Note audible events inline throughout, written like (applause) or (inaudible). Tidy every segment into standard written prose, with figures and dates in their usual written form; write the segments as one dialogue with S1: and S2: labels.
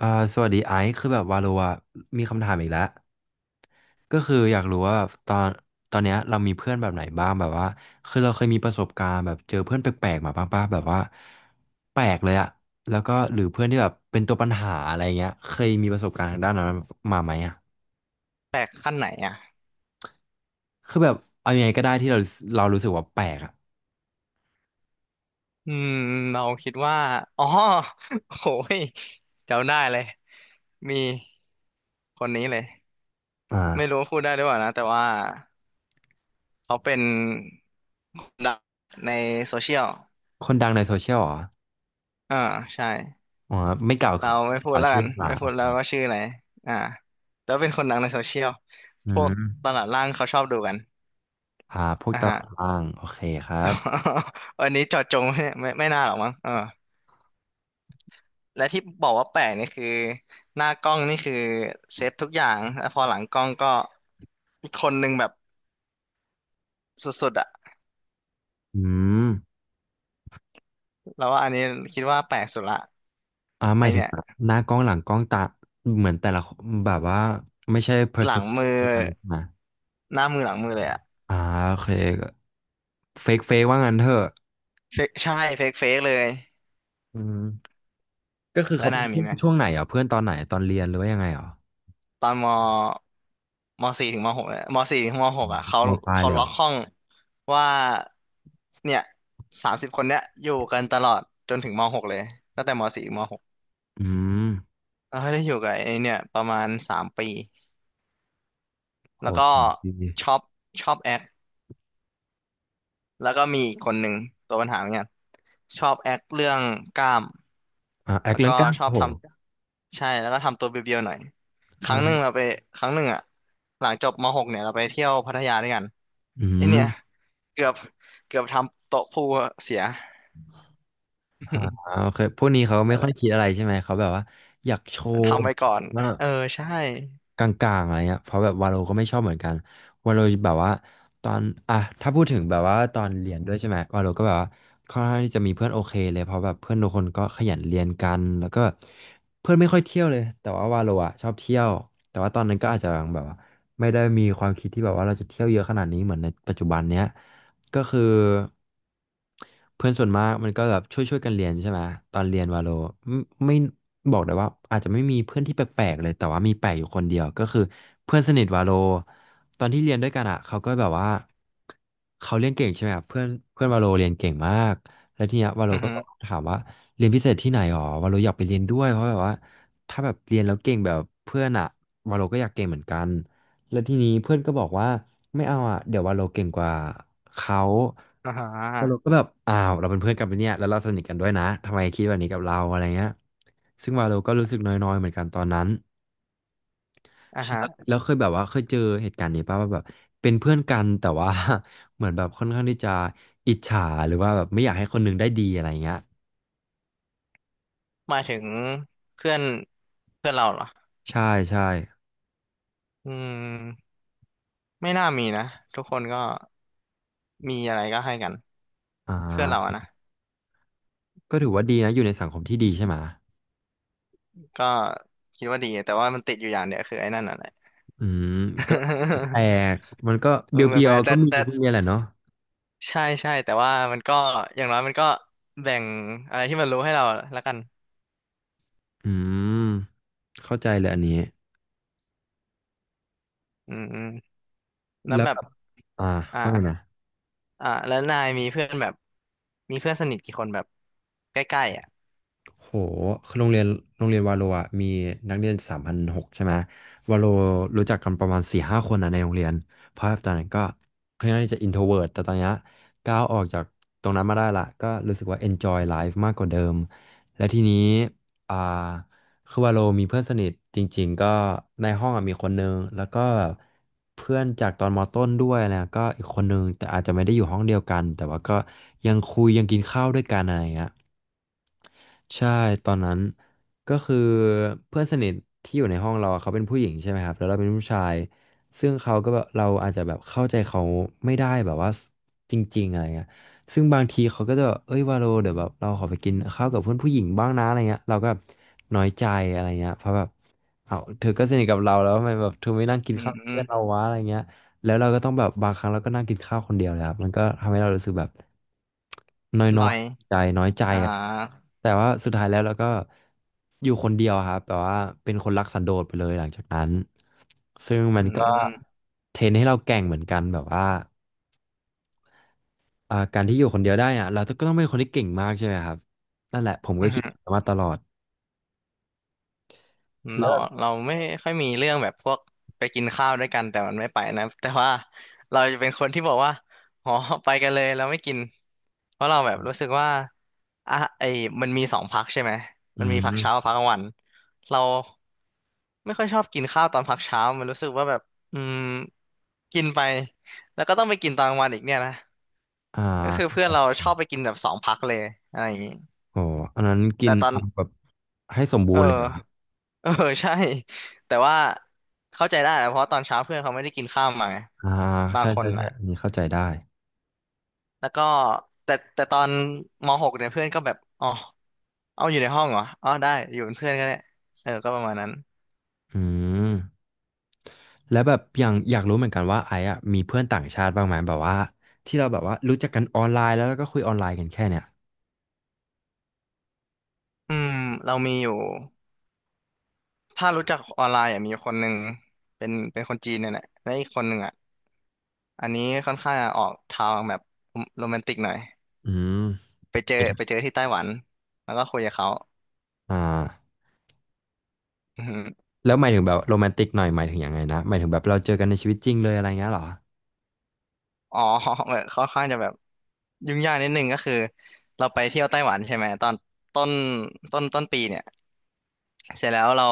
S1: อ่าสวัสดีไอซ์คือแบบวาโลอะมีคำถามอีกแล้วก็คืออยากรู้ว่าแบบตอนเนี้ยเรามีเพื่อนแบบไหนบ้างแบบว่าคือเราเคยมีประสบการณ์แบบเจอเพื่อนแปลกๆมาบ้างป่ะแบบว่าแปลกเลยอะแล้วก็หรือเพื่อนที่แบบเป็นตัวปัญหาอะไรเงี้ยเคยมีประสบการณ์ทางด้านนั้นมาไหมอะ
S2: แปลกขั้นไหนอ่ะ
S1: คือแบบเอายังไงก็ได้ที่เรารู้สึกว่าแปลกอะ
S2: อืมเราคิดว่าอ๋อโหยจำได้เลย มีคนนี้เลย
S1: อ
S2: ไม่รู้
S1: ่า
S2: ว่าพูดได้หรือเปล่านะ แต่ว่าเขาเป็นดังในโซเชียล
S1: คนดังในโซเชียลเหรอ
S2: อ่าใช่
S1: อ๋อไม่กล่าว
S2: เราไม่พู
S1: ก
S2: ด
S1: ล่าว
S2: แล้ว
S1: ชื่อ
S2: กัน
S1: มา
S2: ไม่
S1: โอ
S2: พูด
S1: เค
S2: แล้วว่าชื่ออะไร อ่าแต่ว่าเป็นคนดังในโซเชียล
S1: อื
S2: พวกต
S1: ม
S2: ลาดล่างเขาชอบดูกัน
S1: พวก
S2: นะ
S1: ตา
S2: ฮะ
S1: รางโอเคครับ
S2: (laughs) วันนี้เจาะจงไม่น่าหรอกมั้งเออ และที่บอกว่าแปลกนี่คือหน้ากล้องนี่คือเซตทุกอย่างแล้วพอหลังกล้องก็อีกคนนึงแบบสุดๆอะ
S1: อืม
S2: แล้วว่าอันนี้คิดว่าแปลกสุดละ
S1: ห
S2: ไอ
S1: มายถึง
S2: เนี่ย
S1: แบบหน้ากล้องหลังกล้องตาเหมือนแต่ละคนแบบว่าไม่ใช่
S2: หลั
S1: person
S2: งมือ
S1: เดียวกันเลยใช่ไหม
S2: หน้ามือหลังมือเลยอะ
S1: อ่าโอเคเฟกเฟกว่างั้นเถอะ
S2: เฟกใช่เฟกเฟกเลย
S1: อืมก็คือ
S2: แล้ว
S1: เขาเป็
S2: นา
S1: น
S2: ยมี
S1: เพื่อน
S2: ไหม
S1: ช่วงไหนอ่ะเพื่อนตอนไหนตอนเรียนหรือว่ายังไงอ่ะ
S2: ตอนมมสี่ถึงมหกเนี่ยมสี่ถึงมหกอะ
S1: มปลาย
S2: เขา
S1: เลยเหร
S2: ล็อก
S1: อ
S2: ห้องว่าเนี่ยสามสิบคนเนี้ยอยู่กันตลอดจนถึงมหกเลยตั้งแต่มสี่ถึงมหก
S1: อืม
S2: แล้วได้อยู่กับไอเนี่ยประมาณสามปี
S1: โห
S2: แล้วก็
S1: ดี
S2: ชอบชอบแอคแล้วก็มีอีกคนหนึ่งตัวปัญหาเหมือนกันชอบแอคเรื่องกล้าม
S1: แอค
S2: แล้ว
S1: เรื่
S2: ก็
S1: องกล้า
S2: ชอบ
S1: โห
S2: ทำใช่แล้วก็ทำตัวเบียวๆหน่อยครั้งหนึ่ง
S1: อ่า
S2: เราไปครั้งหนึ่งอะหลังจบมหกเนี่ยเราไปเที่ยวพัทยาด้วยกัน
S1: อื
S2: ไอ
S1: ม
S2: เนี่ยเกือบเกือบทำโต๊ะพูลเสีย (laughs)
S1: โอเคพวกนี้เขาไม่
S2: อะไร
S1: ค่อยคิดอะไรใช่ไหมเขาแบบว่าอยากโชว์
S2: ทำไว้ก่อน
S1: ว่า
S2: เออใช่
S1: กลางๆอะไรเงี้ยเพราะแบบวาโลก็ไม่ชอบเหมือนกันวาโลแบบว่าตอนอ่ะถ้าพูดถึงแบบว่าตอนเรียนด้วยใช่ไหมวาโลก็แบบว่าค่อนข้างที่จะมีเพื่อนโอเคเลยเพราะแบบเพื่อนทุกคนก็ขยันเรียนกันแล้วก็เพื่อนไม่ค่อยเที่ยวเลยแต่ว่าวาโลอ่ะชอบเที่ยวแต่ว่าตอนนั้นก็อาจจะแบบว่าไม่ได้มีความคิดที่แบบว่าเราจะเที่ยวเยอะขนาดนี้เหมือนในปัจจุบันเนี้ยก็คือ เพื่อนส่วนมากมันก็แบบช่วยกันเรียนใช่ไหมตอนเรียนวาโลไม่ไม่บอกเลยว่าอาจจะไม่มีเพื่อนที่แปลกๆเลยแต่ว่ามีแปลกอยู่คนเดียวก็คือเพื่อนสนิทวาโลตอนที่เรียนด้วยกันอ่ะเขาก็แบบว่าเขาเรียนเก่งใช่ไหมครับเพื่อนเพื่อนวาโลเรียนเก่งมากแล้วทีเนี้ยวาโล
S2: อือ
S1: ก็
S2: ฮึ
S1: ถามว่าเรียนพิเศษที่ไหนหรอวาโลอยากไปเรียนด้วยเพราะแบบว่าถ้าแบบเรียนแล้วเก่งแบบเพื่อนอ่ะวาโลก็อยากเก่งเหมือนกันแล้วทีนี้เพื่อนก็บอกว่าไม่เอาอ่ะเดี๋ยววาโลเก่งกว่าเขา
S2: อ่าฮ
S1: โเรา
S2: ะ
S1: ก็แบบอ้าวเราเป็นเพื่อนกันไปะเนี่ยแล้วเราสนิทกันด้วยนะทำไมคิดแบบนี้กับเราอะไรเงี้ยซึ่งวาโลก็รู้สึกน้อยๆเหมือนกันตอนนั้น
S2: อ่าฮะ
S1: แล้วเคยแบบว่าเคยเจอเหตุการณ์นี้ป่ะว่าแบบเป็นเพื่อนกันแต่ว่า (laughs) เหมือนแบบค่อนข้างที่จะอิจฉาหรือว่าแบบไม่อยากให้คนหนึงได้ดีอะไรเงี้ย
S2: หมายถึงเพื่อนเพื่อนเราเหรอ
S1: ใช่ใช่
S2: อืมไม่น่ามีนะทุกคนก็ มีอะไรก็ให้กัน
S1: อ่
S2: เพื่อนเรา
S1: า
S2: อะนะ
S1: ก็ถือว่าดีนะอยู่ในสังคมที่ดีใช่ไหม
S2: ก็คิดว่าดีแต่ว่ามันติดอยู่อย่างเดียวคือไอ้นั่นน่ะแหละ
S1: อืมก็แปล
S2: (laughs)
S1: กมันก็
S2: มั
S1: เบี
S2: น
S1: ยวเบีย
S2: แบ
S1: ว
S2: บ
S1: ก็
S2: แต่
S1: มี
S2: แต่
S1: ทุกโรงเรียนแหละเนาะ
S2: ใช่ใช่แต่ว่ามันก็อย่างน้อยมันก็แบ่งอะไรที่มันรู้ให้เราแล้วกัน
S1: อืมเข้าใจเลยอันนี้
S2: อืมอืมแล้ว
S1: แล้ว
S2: แบ
S1: แบ
S2: บ
S1: บอ่า
S2: อ่า
S1: ว่าไงนะ
S2: แล้วนายมีเพื่อนแบบมีเพื่อนสนิทกี่คนแบบใกล้ๆอ่ะ
S1: โห คือโรงเรียนวาโลอ่ะมีนักเรียน3,600ใช่ไหมวาโลรู้จักกันประมาณสี่ห้าคนนะในโรงเรียนเพราะตอนนั้นก็ค่อนข้างที่จะ introvert แต่ตอนเนี้ยก้าวออกจากตรงนั้นมาได้ละก็รู้สึกว่า enjoy life มากกว่าเดิมและทีนี้อ่าคือวาโลมีเพื่อนสนิทจริงๆก็ในห้องอะมีคนนึงแล้วก็เพื่อนจากตอนมต้นด้วยนะก็อีกคนนึงแต่อาจจะไม่ได้อยู่ห้องเดียวกันแต่ว่าก็ยังคุยยังกินข้าวด้วยกันอะไรอย่างเงี้ย ใช่ตอนนั้นก็คือเพื่อนสนิทที่อยู่ในห้องเราอะเขาเป็นผู้หญิงใช่ไหมครับแล้วเราเป็นผู้ชายซึ่งเขาก็แบบเราอาจจะแบบเข้าใจเขาไม่ได้แบบว่าจริงๆอะไรเงี้ยซึ่งบางทีเขาก็จะแบบเอ้ยวาโลเดี๋ยวแบบเราขอไปกินข้าวกับเพื่อนผู้หญิงบ้างนะอะไรเงี้ยเราก็แบบน้อยใจอะไรเงี้ยเพราะแบบเอาเธอก็สนิทกับเราแล้วทำไมแบบเธอไม่นั่งกิน
S2: อืม
S1: ข้าวกับ
S2: อื
S1: เพื่
S2: ม
S1: อนเราวะอะไรเงี้ย แล้วเราก็ต้องแบบบางครั้งเราก็นั่งกินข้าวคนเดียวเลยครับมันก็ทำให้เรารู้สึกแบบน้อย
S2: ห
S1: น้
S2: น่
S1: อ
S2: อ
S1: ย
S2: ย
S1: ใจน้อยใจ
S2: อ่า
S1: อะแต่ว่าสุดท้ายแล้วเราก็อยู่คนเดียวครับแต่ว่าเป็นคนรักสันโดษไปเลยหลังจากนั้นซึ่งมั
S2: อื
S1: น
S2: ม
S1: ก็
S2: อืม
S1: เทรนให้เราแกร่งเหมือนกันแบบว่าการที่อยู่คนเดียวได้เนี่ยเราก็ต้องเป็นคนที่เก่งมากใช่ไหมครับนั่นแหละผม
S2: อื
S1: ก็คิดแบบ
S2: ม
S1: นั้นมาตลอดแล้
S2: เรา
S1: วแบบ
S2: ไม่ค่อยมีเรื่องแบบพวกไปกินข้าวด้วยกันแต่มันไม่ไปนะ (laughs) แต่ว่าเราจะเป็นคนที่บอกว่าอ๋อไปกันเลยเราไม่กินเพราะเราแบบรู้สึกว่าอ่ะไอ้มันมีสองพักใช่ไหม
S1: อื
S2: มันมีพักเช้ากับ
S1: ม
S2: พักกลางวันเราไม่ค่อยชอบกินข้าวตอนพักเช้ามันรู้สึกว่าแบบอืมกินไปแล้วก็ต้องไปกินตอนกลางวันอีกเนี่ยนะ
S1: อ่
S2: ก็คือเพื่
S1: า
S2: อนเราชอบไปกินแบบสองพักเลยอะไรอย่างงี้
S1: โอ้อันนั้นกิ
S2: แต่
S1: น
S2: ตอน
S1: เอาแบบให้สม
S2: เอ
S1: บู
S2: อ
S1: รณ์เลยเหรอ
S2: เออใช่แต่ว่าเข้าใจได้นะเพราะตอนเช้าเพื่อนเขาไม่ได้กินข้าวมาไง
S1: อ่า
S2: บาง
S1: ใช่
S2: คน
S1: ใช่
S2: อ่ะ
S1: ใช่อันนี้เข้าใจได้
S2: แล้วก็แต่ตอนม .6 เนี่ยเพื่อนก็แบบอ๋อเอาอยู่ในห้องเหรออ๋อได้อยู่เป็นเพื่อนก็ได้เออก็ประมาณนั้น
S1: อืม แล้วแบบอย่างอยากรู้เหมือนกันว่าไอ้อะมีเพื่อนต่างชาติบ้างไหมแบบว่าที่เราแบบว่ารู้จักกันออนไลน์แล้วแล้วก็คุยออนไลน์กันแค่เนี่ย
S2: อืมเรามีอยู่ถ้ารู้จักออนไลน์อ่ะมีคนหนึ่งเป็นคนจีนเนี่ยแหละและอีกคนหนึ่งอ่ะอันนี้ค่อนข้างจะออกทางแบบโรแมนติกหน่อย
S1: อืมหมายถึง
S2: ไปเจอที่ไต้หวันแล้วก็คุยกับเขา
S1: อ่าแล้วหมายถึงแบบโรแมนติกหน่อยหมายถึงยังไงนะหมายถึงแบบเราเจอกันในชีวิตจริงเลยอะไรเงี้ยเหรอ
S2: อ๋อ (laughs) เหมือนค่อนข้างจะแบบยุ่งยากนิดนึงก็คือเราไปเที่ยวไต้หวันใช่ไหมตอนต้นต้นปีเนี่ยเสร็จแล้วเรา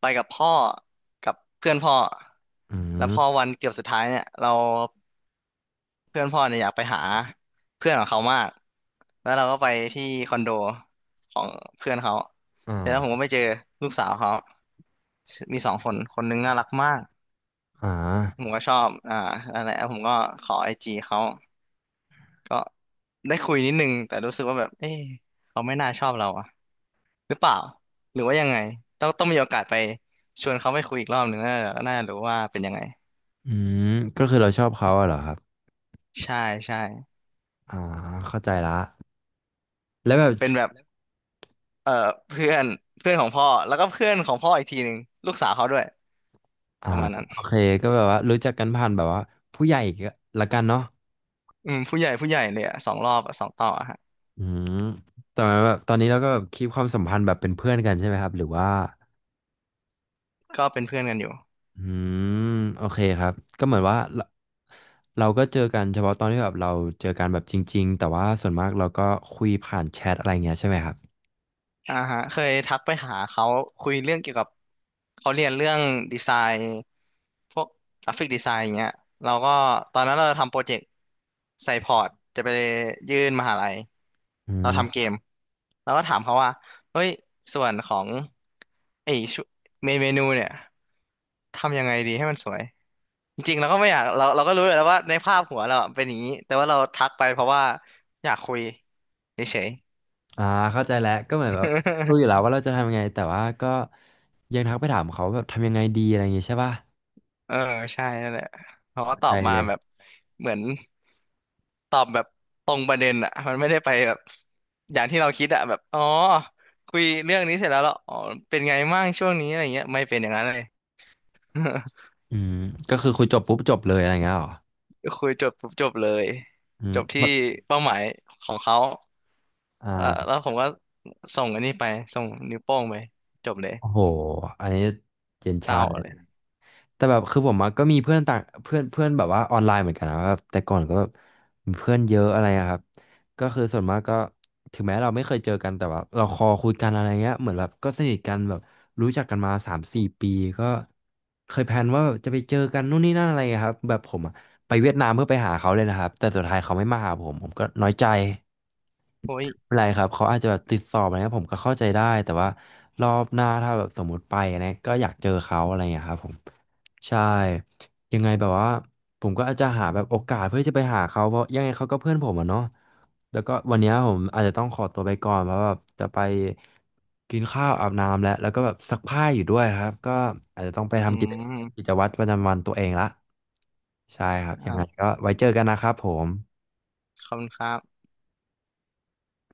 S2: ไปกับพ่อกับเพื่อนพ่อ
S1: อื
S2: แล้วพอ
S1: ม
S2: วันเกือบสุดท้ายเนี่ยเราเพื่อนพ่อเนี่ยอยากไปหาเพื่อนของเขามากแล้วเราก็ไปที่คอนโดของเพื่อนเขา
S1: อ่า
S2: เสร็จแล้วผมก็ไปเจอลูกสาวเขามีสองคนคนหนึงน่ารักมาก
S1: อ่า
S2: ผมก็ชอบอะไรและผมก็ขอไอจีเขา ก็ได้คุยนิดนึงแต่รู้สึกว่าแบบเอ๊ะเขาไม่น่าชอบเราอะหรือเปล่าหรือว่ายังไงต้องมีโอกาสไปชวนเขาไปคุยอีกรอบหนึ่งน่ารู้ว่าเป็นยังไง
S1: อืมก็คือเราชอบเขาอะเหรอครับ
S2: ใช่ใช่
S1: อ่าเข้าใจละแล้วแบบ
S2: เป็นแบบเอ่อเพื่อนเพื่อนของพ่อแล้วก็เพื่อนของพ่ออีกทีหนึ่งลูกสาวเขาด้วย
S1: อ่า
S2: ประมาณนั้น
S1: โอเคก็แบบว่ารู้จักกันผ่านแบบว่าผู้ใหญ่ก็ละกันเนาะ
S2: อืมผู้ใหญ่ผู้ใหญ่เลยอะสองรอบอะสองต่ออะฮะ
S1: อืมแต่ว่าแบบตอนนี้เราก็แบบคีปความสัมพันธ์แบบเป็นเพื่อนกันใช่ไหมครับหรือว่า
S2: ก็เป็นเพื่อนกันอยู่
S1: อืมโอเคครับก็เหมือนว่าเราเราก็เจอกันเฉพาะตอนที่แบบเราเจอกันแบบจริงๆแต่ว่าส่วนมากเราก็คุยผ่านแชทอะไรเงี้ยใช่ไหมครับ
S2: อ่าฮะเคยทักไปหาเขาคุยเรื่องเกี่ยวกับเขาเรียนเรื่องดีไซน์พวกกราฟิกดีไซน์อย่างเงี้ยเราก็ตอนนั้นเราทำโปรเจกต์ใส่พอร์ตจะไปยื่นมหาลัย
S1: อื
S2: เราทำเก
S1: ม
S2: มแล้วก็ถามเขาว่าเฮ้ยส่วนของไอ้ชุเมนูเนี่ยทำยังไงดีให้มันสวยจริงๆเราก็ไม่อยากเราก็รู้อยู่แล้วว่าในภาพหัวเราอะเป็นอย่างนี้แต่ว่าเราทักไปเพราะว่าอยากคุยเฉยๆ
S1: อ่าเข้าใจแล้วก็เหมือนแบบรู้อยู่แล้วว่าเราจะทำยังไงแต่ว่าก็ยังทักไปถามเขาแบบทำยังไงดีอะไรเงงี้ยใช่ป่ะ
S2: เออใช่นั่นแหละเขาก็
S1: เข้า
S2: ตอ
S1: ใจ
S2: บมา
S1: เลย
S2: แบบเหมือนตอบแบบตรงประเด็นอ่ะมันไม่ได้ไปแบบอย่างที่เราคิดอ่ะแบบอ๋อคุยเรื่องนี้เสร็จแล้วเหรออ๋อเป็นไงมั่งช่วงนี้อะไรเงี้ยไม่เป็นอย่างนั้นเลย
S1: อืมก็คือคุยจบปุ๊บจบเลยอะไรเงี้ยเหรอ
S2: (laughs) คุยจบปุ๊บจบเลยจ
S1: อื
S2: บที่
S1: ม
S2: เป้าหมายของเขาเออ
S1: อ่า
S2: แล้วผมก็ส่งอันนี้ไปส่งนิ้วโป้งไปจบเลย
S1: โอ้โหอันนี้เย็น
S2: เศ
S1: ชา
S2: ร้าเลย
S1: แต่แบบคือผมอะก็มีเพื่อนต่างเพื่อนเพื่อนแบบว่าออนไลน์เหมือนกันนะแบบแต่ก่อนก็แบบมีเพื่อนเยอะอะไรอะครับก็คือส่วนมากก็ถึงแม้เราไม่เคยเจอกันแต่ว่าเราคุยกันอะไรเงี้ยเหมือนแบบก็สนิทกันแบบรู้จักกันมา3-4 ปีก็เคยแพลนว่าจะไปเจอกันนู่นนี่นั่นอะไรอะครับแบบผมอะไปเวียดนามเพื่อไปหาเขาเลยนะครับแต่สุดท้ายเขาไม่มาหาผมผมก็น้อยใจไม่
S2: โอ้
S1: เ
S2: ย
S1: ป็นไรครับเขาอาจจะแบบติดสอบอะไรเงี้ยผมก็เข้าใจได้แต่ว่ารอบหน้าถ้าแบบสมมติไปอะไรเงี้ยก็อยากเจอเขาอะไรอย่างเงี้ยครับผม ใช่ยังไงแบบว่าผมก็อาจจะหาแบบโอกาสเพื่อจะไปหาเขาเพราะยังไงเขาก็เพื่อนผมอะเนาะแล้วก็วันเนี้ยผมอาจจะต้องขอตัวไปก่อนเพราะแบบจะไปกินข้าวอาบน้ำแล้วแล้วก็แบบซักผ้าอยู่ด้วยครับก็อาจจะต้องไป
S2: อื
S1: ทำกิ
S2: ม
S1: จวัตรประจำวันตัวเองละใช่ครับ
S2: ค
S1: ยั
S2: รั
S1: งไง
S2: บ
S1: ก็ไว้เจอกันนะครับผม
S2: ขอบคุณครับ